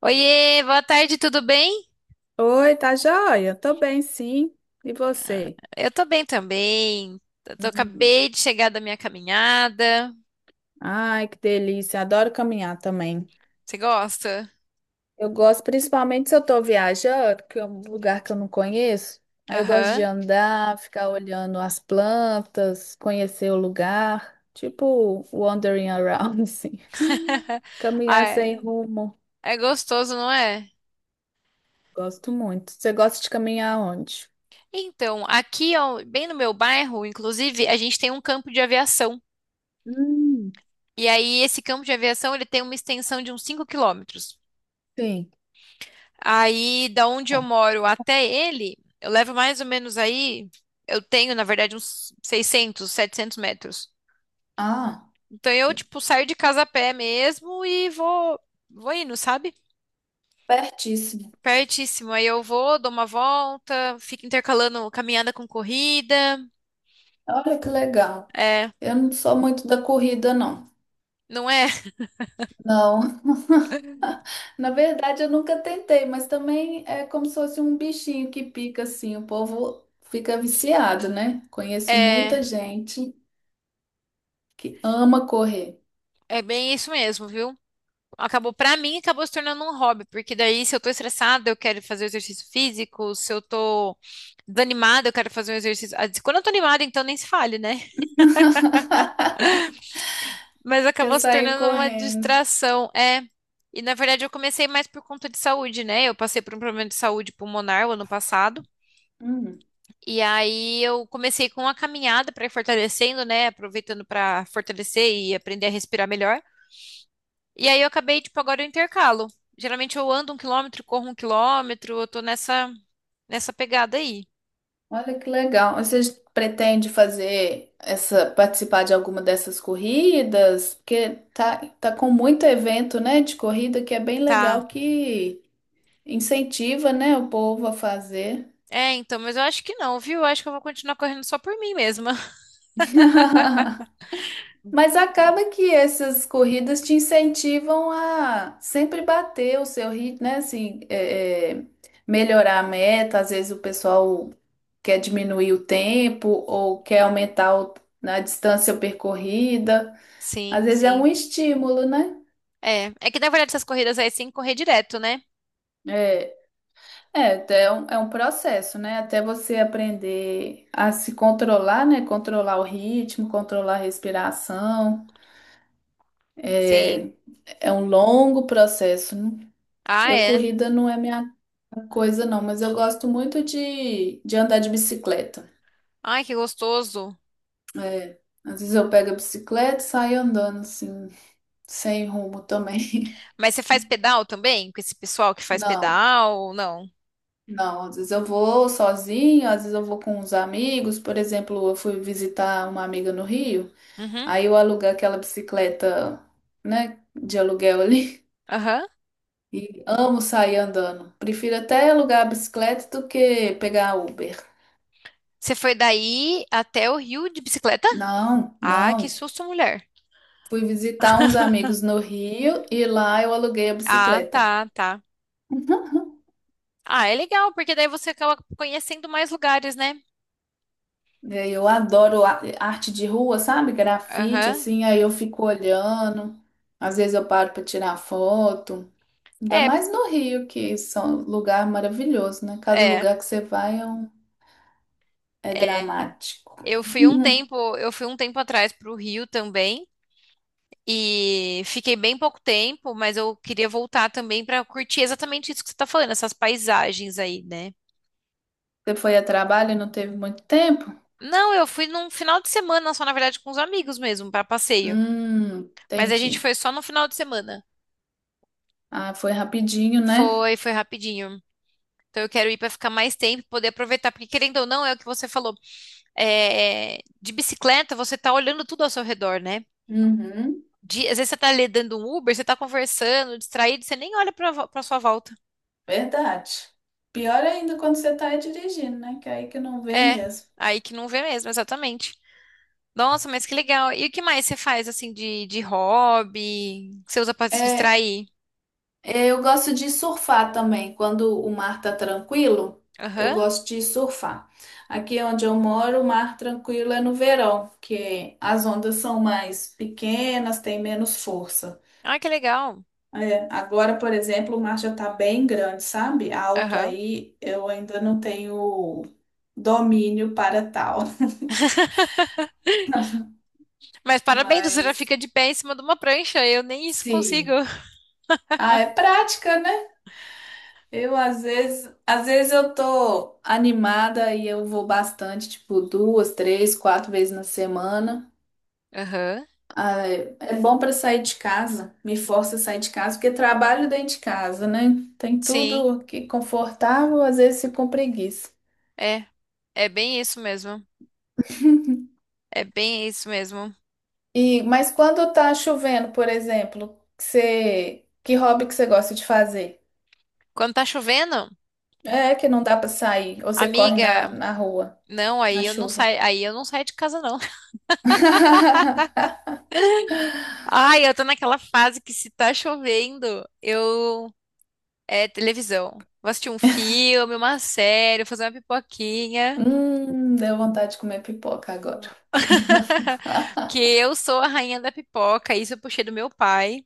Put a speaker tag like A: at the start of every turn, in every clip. A: Oiê, boa tarde, tudo bem?
B: Oi, tá joia? Tô bem, sim. E você?
A: Eu tô bem também.
B: Hum.
A: Acabei de chegar da minha caminhada.
B: Ai, que delícia. Adoro caminhar também.
A: Você gosta?
B: Eu gosto, principalmente se eu tô viajando, que é um lugar que eu não conheço. Aí eu gosto de
A: Aham.
B: andar, ficar olhando as plantas, conhecer o lugar. Tipo, wandering around, assim.
A: Ah,
B: Caminhar
A: é
B: sem rumo.
A: é gostoso, não é?
B: Gosto muito. Você gosta de caminhar onde?
A: Então, aqui, ó, bem no meu bairro, inclusive, a gente tem um campo de aviação.
B: Hum.
A: E aí, esse campo de aviação, ele tem uma extensão de uns 5 km.
B: Sim.
A: Aí, da onde eu moro até ele, eu levo mais ou menos aí, eu tenho, na verdade, uns 600, 700 m.
B: Ah,
A: Então eu, tipo, saio de casa a pé mesmo e vou, vou indo, sabe?
B: pertíssimo.
A: Pertíssimo. Aí eu vou, dou uma volta, fico intercalando caminhada com corrida.
B: Olha que legal.
A: É,
B: Eu não sou muito da corrida, não.
A: não é?
B: Não. Na verdade, eu nunca tentei, mas também é como se fosse um bichinho que pica assim, o povo fica viciado, né? Conheço
A: É,
B: muita gente que ama correr,
A: é bem isso mesmo, viu? Acabou, pra mim, acabou se tornando um hobby, porque daí se eu tô estressada, eu quero fazer exercício físico, se eu tô desanimada, eu quero fazer um exercício. Ah, quando eu tô animada, então nem se fale, né? Mas
B: quer
A: acabou se
B: sair
A: tornando uma
B: correndo.
A: distração. É. E na verdade eu comecei mais por conta de saúde, né? Eu passei por um problema de saúde pulmonar o ano passado.
B: Hum,
A: E aí eu comecei com a caminhada para ir fortalecendo, né? Aproveitando para fortalecer e aprender a respirar melhor. E aí eu acabei, tipo, agora eu intercalo. Geralmente eu ando 1 km, corro 1 km, eu tô nessa, nessa pegada aí.
B: olha que legal. Você pretende fazer essa, participar de alguma dessas corridas? Porque tá com muito evento, né, de corrida que é bem
A: Tá.
B: legal que incentiva, né, o povo a fazer.
A: É, então, mas eu acho que não, viu? Eu acho que eu vou continuar correndo só por mim mesma.
B: Mas acaba que essas corridas te incentivam a sempre bater o seu ritmo, né? Assim, melhorar a meta. Às vezes o pessoal quer diminuir o tempo ou quer aumentar na distância percorrida. Às
A: Sim,
B: vezes é um
A: sim.
B: estímulo, né?
A: É, é que na verdade essas corridas aí é sem correr direto, né?
B: É, até é um processo, né? Até você aprender a se controlar, né? Controlar o ritmo, controlar a respiração.
A: Sim.
B: É, é um longo processo, né?
A: Ah,
B: Eu
A: é.
B: corrida não é minha coisa, não, mas eu gosto muito de andar de bicicleta.
A: Ai, que gostoso.
B: É, às vezes eu pego a bicicleta e saio andando assim, sem rumo também.
A: Mas você faz pedal também? Com esse pessoal que faz
B: Não,
A: pedal? Não.
B: não, às vezes eu vou sozinho, às vezes eu vou com os amigos. Por exemplo, eu fui visitar uma amiga no Rio,
A: Uhum.
B: aí eu aluguei aquela bicicleta, né, de aluguel ali.
A: Aham.
B: E amo sair andando. Prefiro até alugar a bicicleta do que pegar Uber.
A: Você foi daí até o Rio de bicicleta?
B: Não,
A: Ah, que
B: não.
A: susto, mulher.
B: Fui visitar uns amigos no Rio e lá eu aluguei a
A: Ah,
B: bicicleta.
A: tá, tá. Ah, é legal, porque daí você acaba conhecendo mais lugares, né?
B: E aí, eu adoro arte de rua, sabe? Grafite,
A: Aham.
B: assim, aí eu fico olhando. Às vezes eu paro para tirar foto. Ainda
A: É,
B: mais no Rio, que são lugar maravilhoso, né? Cada
A: é.
B: lugar que você vai é, é dramático.
A: Eu fui um
B: Uhum.
A: tempo, eu fui um tempo atrás pro Rio também. E fiquei bem pouco tempo, mas eu queria voltar também para curtir exatamente isso que você tá falando, essas paisagens aí, né?
B: Você foi a trabalho e não teve muito tempo?
A: Não, eu fui num final de semana só, na verdade, com os amigos mesmo, para passeio. Mas a gente
B: Entendi.
A: foi só no final de semana.
B: Ah, foi rapidinho, né?
A: Foi, foi rapidinho. Então eu quero ir para ficar mais tempo, poder aproveitar, porque querendo ou não, é o que você falou. É, de bicicleta, você tá olhando tudo ao seu redor, né?
B: Uhum.
A: De- às vezes você tá ali dando um Uber, você tá conversando, distraído, você nem olha para sua volta.
B: Verdade. Pior ainda quando você tá aí dirigindo, né? Que aí que não vê
A: É,
B: mesmo.
A: aí que não vê mesmo, exatamente. Nossa, mas que legal. E o que mais você faz, assim, de hobby? Que você usa para se
B: É,
A: distrair?
B: eu gosto de surfar também. Quando o mar tá tranquilo, eu
A: Aham.
B: gosto de surfar. Aqui onde eu moro, o mar tranquilo é no verão, que as ondas são mais pequenas, tem menos força.
A: Ah, que legal.
B: É, agora, por exemplo, o mar já tá bem grande, sabe? Alto
A: Aham.
B: aí, eu ainda não tenho domínio para tal.
A: Mas parabéns, você já
B: Mas,
A: fica de pé em cima de uma prancha. Eu nem isso consigo.
B: sim. Ah, é prática, né? Eu às vezes eu tô animada e eu vou bastante, tipo duas, três, quatro vezes na semana.
A: Aham.
B: Ah, é é bom pra sair de casa, me força a sair de casa, porque trabalho dentro de casa, né? Tem
A: Sim,
B: tudo que confortável, às vezes fico com preguiça.
A: é. É bem isso mesmo. É bem isso mesmo.
B: E, mas quando tá chovendo, por exemplo, que hobby que você gosta de fazer?
A: Quando tá chovendo,
B: É que não dá pra sair, ou você corre
A: amiga,
B: na rua,
A: não,
B: na
A: aí eu não
B: chuva.
A: saio, aí eu não saio de casa, não. Ai, eu tô naquela fase que se tá chovendo, eu é televisão. Vou assistir um filme, uma série, fazer uma pipoquinha.
B: Deu vontade de comer pipoca agora.
A: Porque eu sou a rainha da pipoca, isso eu puxei do meu pai.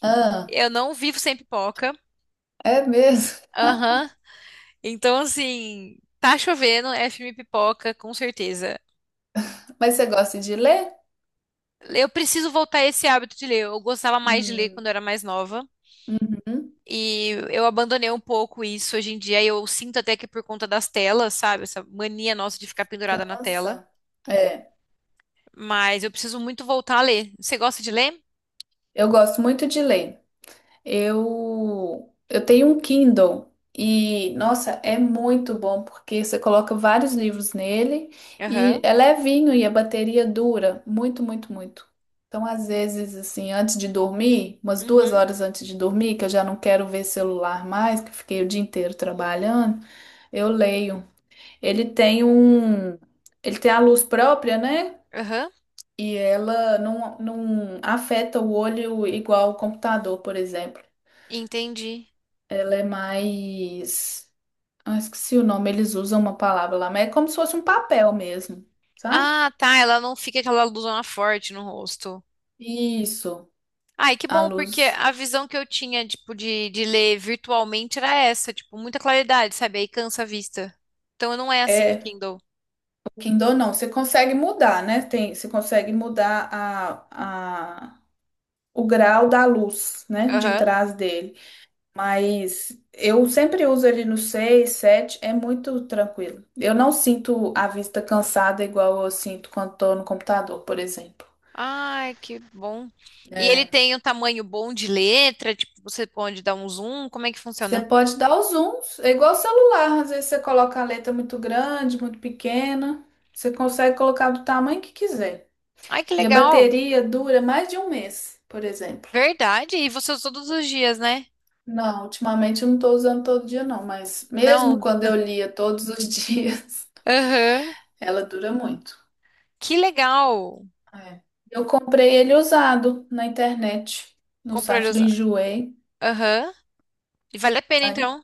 B: Ah,
A: Eu não vivo sem pipoca.
B: é mesmo?
A: Aham. Então, assim, tá chovendo, é filme pipoca, com certeza.
B: Mas você gosta de ler?
A: Eu preciso voltar a esse hábito de ler. Eu gostava mais de ler
B: Hum,
A: quando eu era mais nova.
B: hum,
A: E eu abandonei um pouco isso hoje em dia. Eu sinto até que por conta das telas, sabe? Essa mania nossa de ficar pendurada na tela.
B: cansa. É,
A: Mas eu preciso muito voltar a ler. Você gosta de ler?
B: eu gosto muito de ler. Eu tenho um Kindle e, nossa, é muito bom porque você coloca vários livros nele e
A: Aham.
B: é levinho e a bateria dura muito, muito, muito. Então, às vezes, assim, antes de dormir, umas duas
A: Uhum.
B: horas antes de dormir, que eu já não quero ver celular mais, que eu fiquei o dia inteiro trabalhando, eu leio. Ele tem um, ele tem a luz própria, né?
A: Aham.
B: E ela não afeta o olho igual o computador, por exemplo.
A: Entendi.
B: Ela é mais. Ah, esqueci o nome, eles usam uma palavra lá, mas é como se fosse um papel mesmo, sabe?
A: Ah, tá. Ela não fica aquela luzona forte no rosto.
B: Isso,
A: Ai, que
B: a
A: bom, porque
B: luz.
A: a visão que eu tinha, tipo, de ler virtualmente era essa, tipo, muita claridade, sabe? Aí cansa a vista. Então não é assim o
B: É,
A: Kindle.
B: o Kindle não, você consegue mudar, né? Tem, você consegue mudar o grau da luz, né? De
A: Aham.
B: trás dele. Mas eu sempre uso ele no 6 7 é muito tranquilo. Eu não sinto a vista cansada igual eu sinto quando tô no computador, por exemplo.
A: Ai, que bom. E ele
B: É,
A: tem um tamanho bom de letra, tipo, você pode dar um zoom, como é que
B: você
A: funciona?
B: pode dar os zooms, é igual celular, às vezes você coloca a letra muito grande, muito pequena, você consegue colocar do tamanho que quiser.
A: Ai, que
B: E a
A: legal.
B: bateria dura mais de um mês, por exemplo.
A: Verdade. E você usa todos os dias, né?
B: Não, ultimamente eu não estou usando todo dia não, mas mesmo
A: Não.
B: quando eu lia todos os dias,
A: Aham.
B: ela dura muito.
A: Que legal.
B: É. Eu comprei ele usado na internet, no
A: Comprou ele
B: site do
A: usado.
B: Enjoei.
A: Aham. E vale a pena então.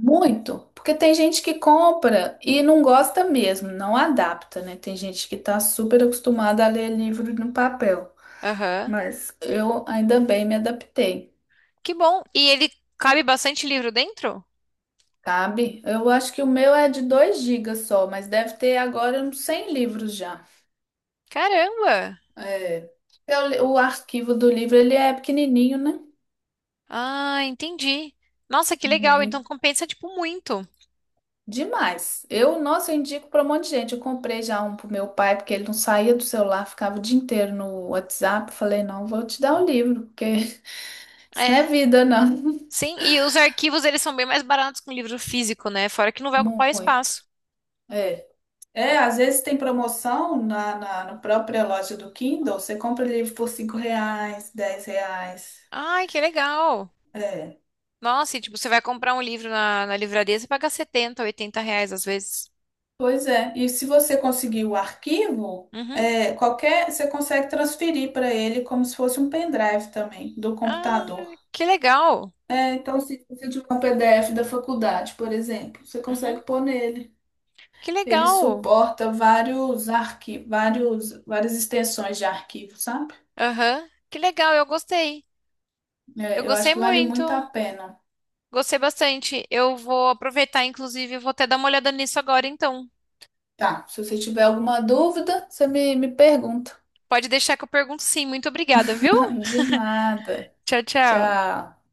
B: Muito, porque tem gente que compra e não gosta mesmo, não adapta, né? Tem gente que tá super acostumada a ler livro no papel,
A: Aham.
B: mas eu ainda bem me adaptei,
A: Que bom. E ele cabe bastante livro dentro?
B: sabe? Eu acho que o meu é de 2 gigas só, mas deve ter agora uns 100 livros já.
A: Caramba.
B: É. O arquivo do livro ele é pequenininho, né?
A: Ah, entendi. Nossa, que legal.
B: É.
A: Então compensa tipo muito.
B: Demais. Eu, nossa, eu indico para um monte de gente. Eu comprei já um pro meu pai, porque ele não saía do celular, ficava o dia inteiro no WhatsApp. Falei, não, vou te dar o livro, porque isso não é
A: É.
B: vida, não.
A: Sim, e os arquivos eles são bem mais baratos que um livro físico, né? Fora que não vai ocupar
B: Muito.
A: espaço.
B: É. É, às vezes tem promoção na própria loja do Kindle. Você compra livro por 5 reais, 10 reais.
A: Ai, que legal.
B: É.
A: Nossa, e tipo, você vai comprar um livro na livraria, você paga R$ 70, R$ 80 às vezes.
B: Pois é. E se você conseguir o arquivo,
A: Uhum.
B: é, qualquer, você consegue transferir para ele como se fosse um pendrive também, do
A: Ah,
B: computador.
A: que legal.
B: É, então, se você tiver um PDF da faculdade, por exemplo, você consegue
A: Uhum.
B: pôr nele.
A: Que
B: Ele
A: legal.
B: suporta vários arquivos, vários, várias extensões de arquivo, sabe?
A: Aham. Que legal, eu gostei. Eu
B: É, eu acho
A: gostei
B: que vale
A: muito.
B: muito a pena.
A: Gostei bastante. Eu vou aproveitar, inclusive, eu vou até dar uma olhada nisso agora, então.
B: Tá, se você tiver alguma dúvida, você me pergunta.
A: Pode deixar que eu pergunto sim. Muito obrigada, viu?
B: De nada.
A: Tchau, tchau.
B: Tchau.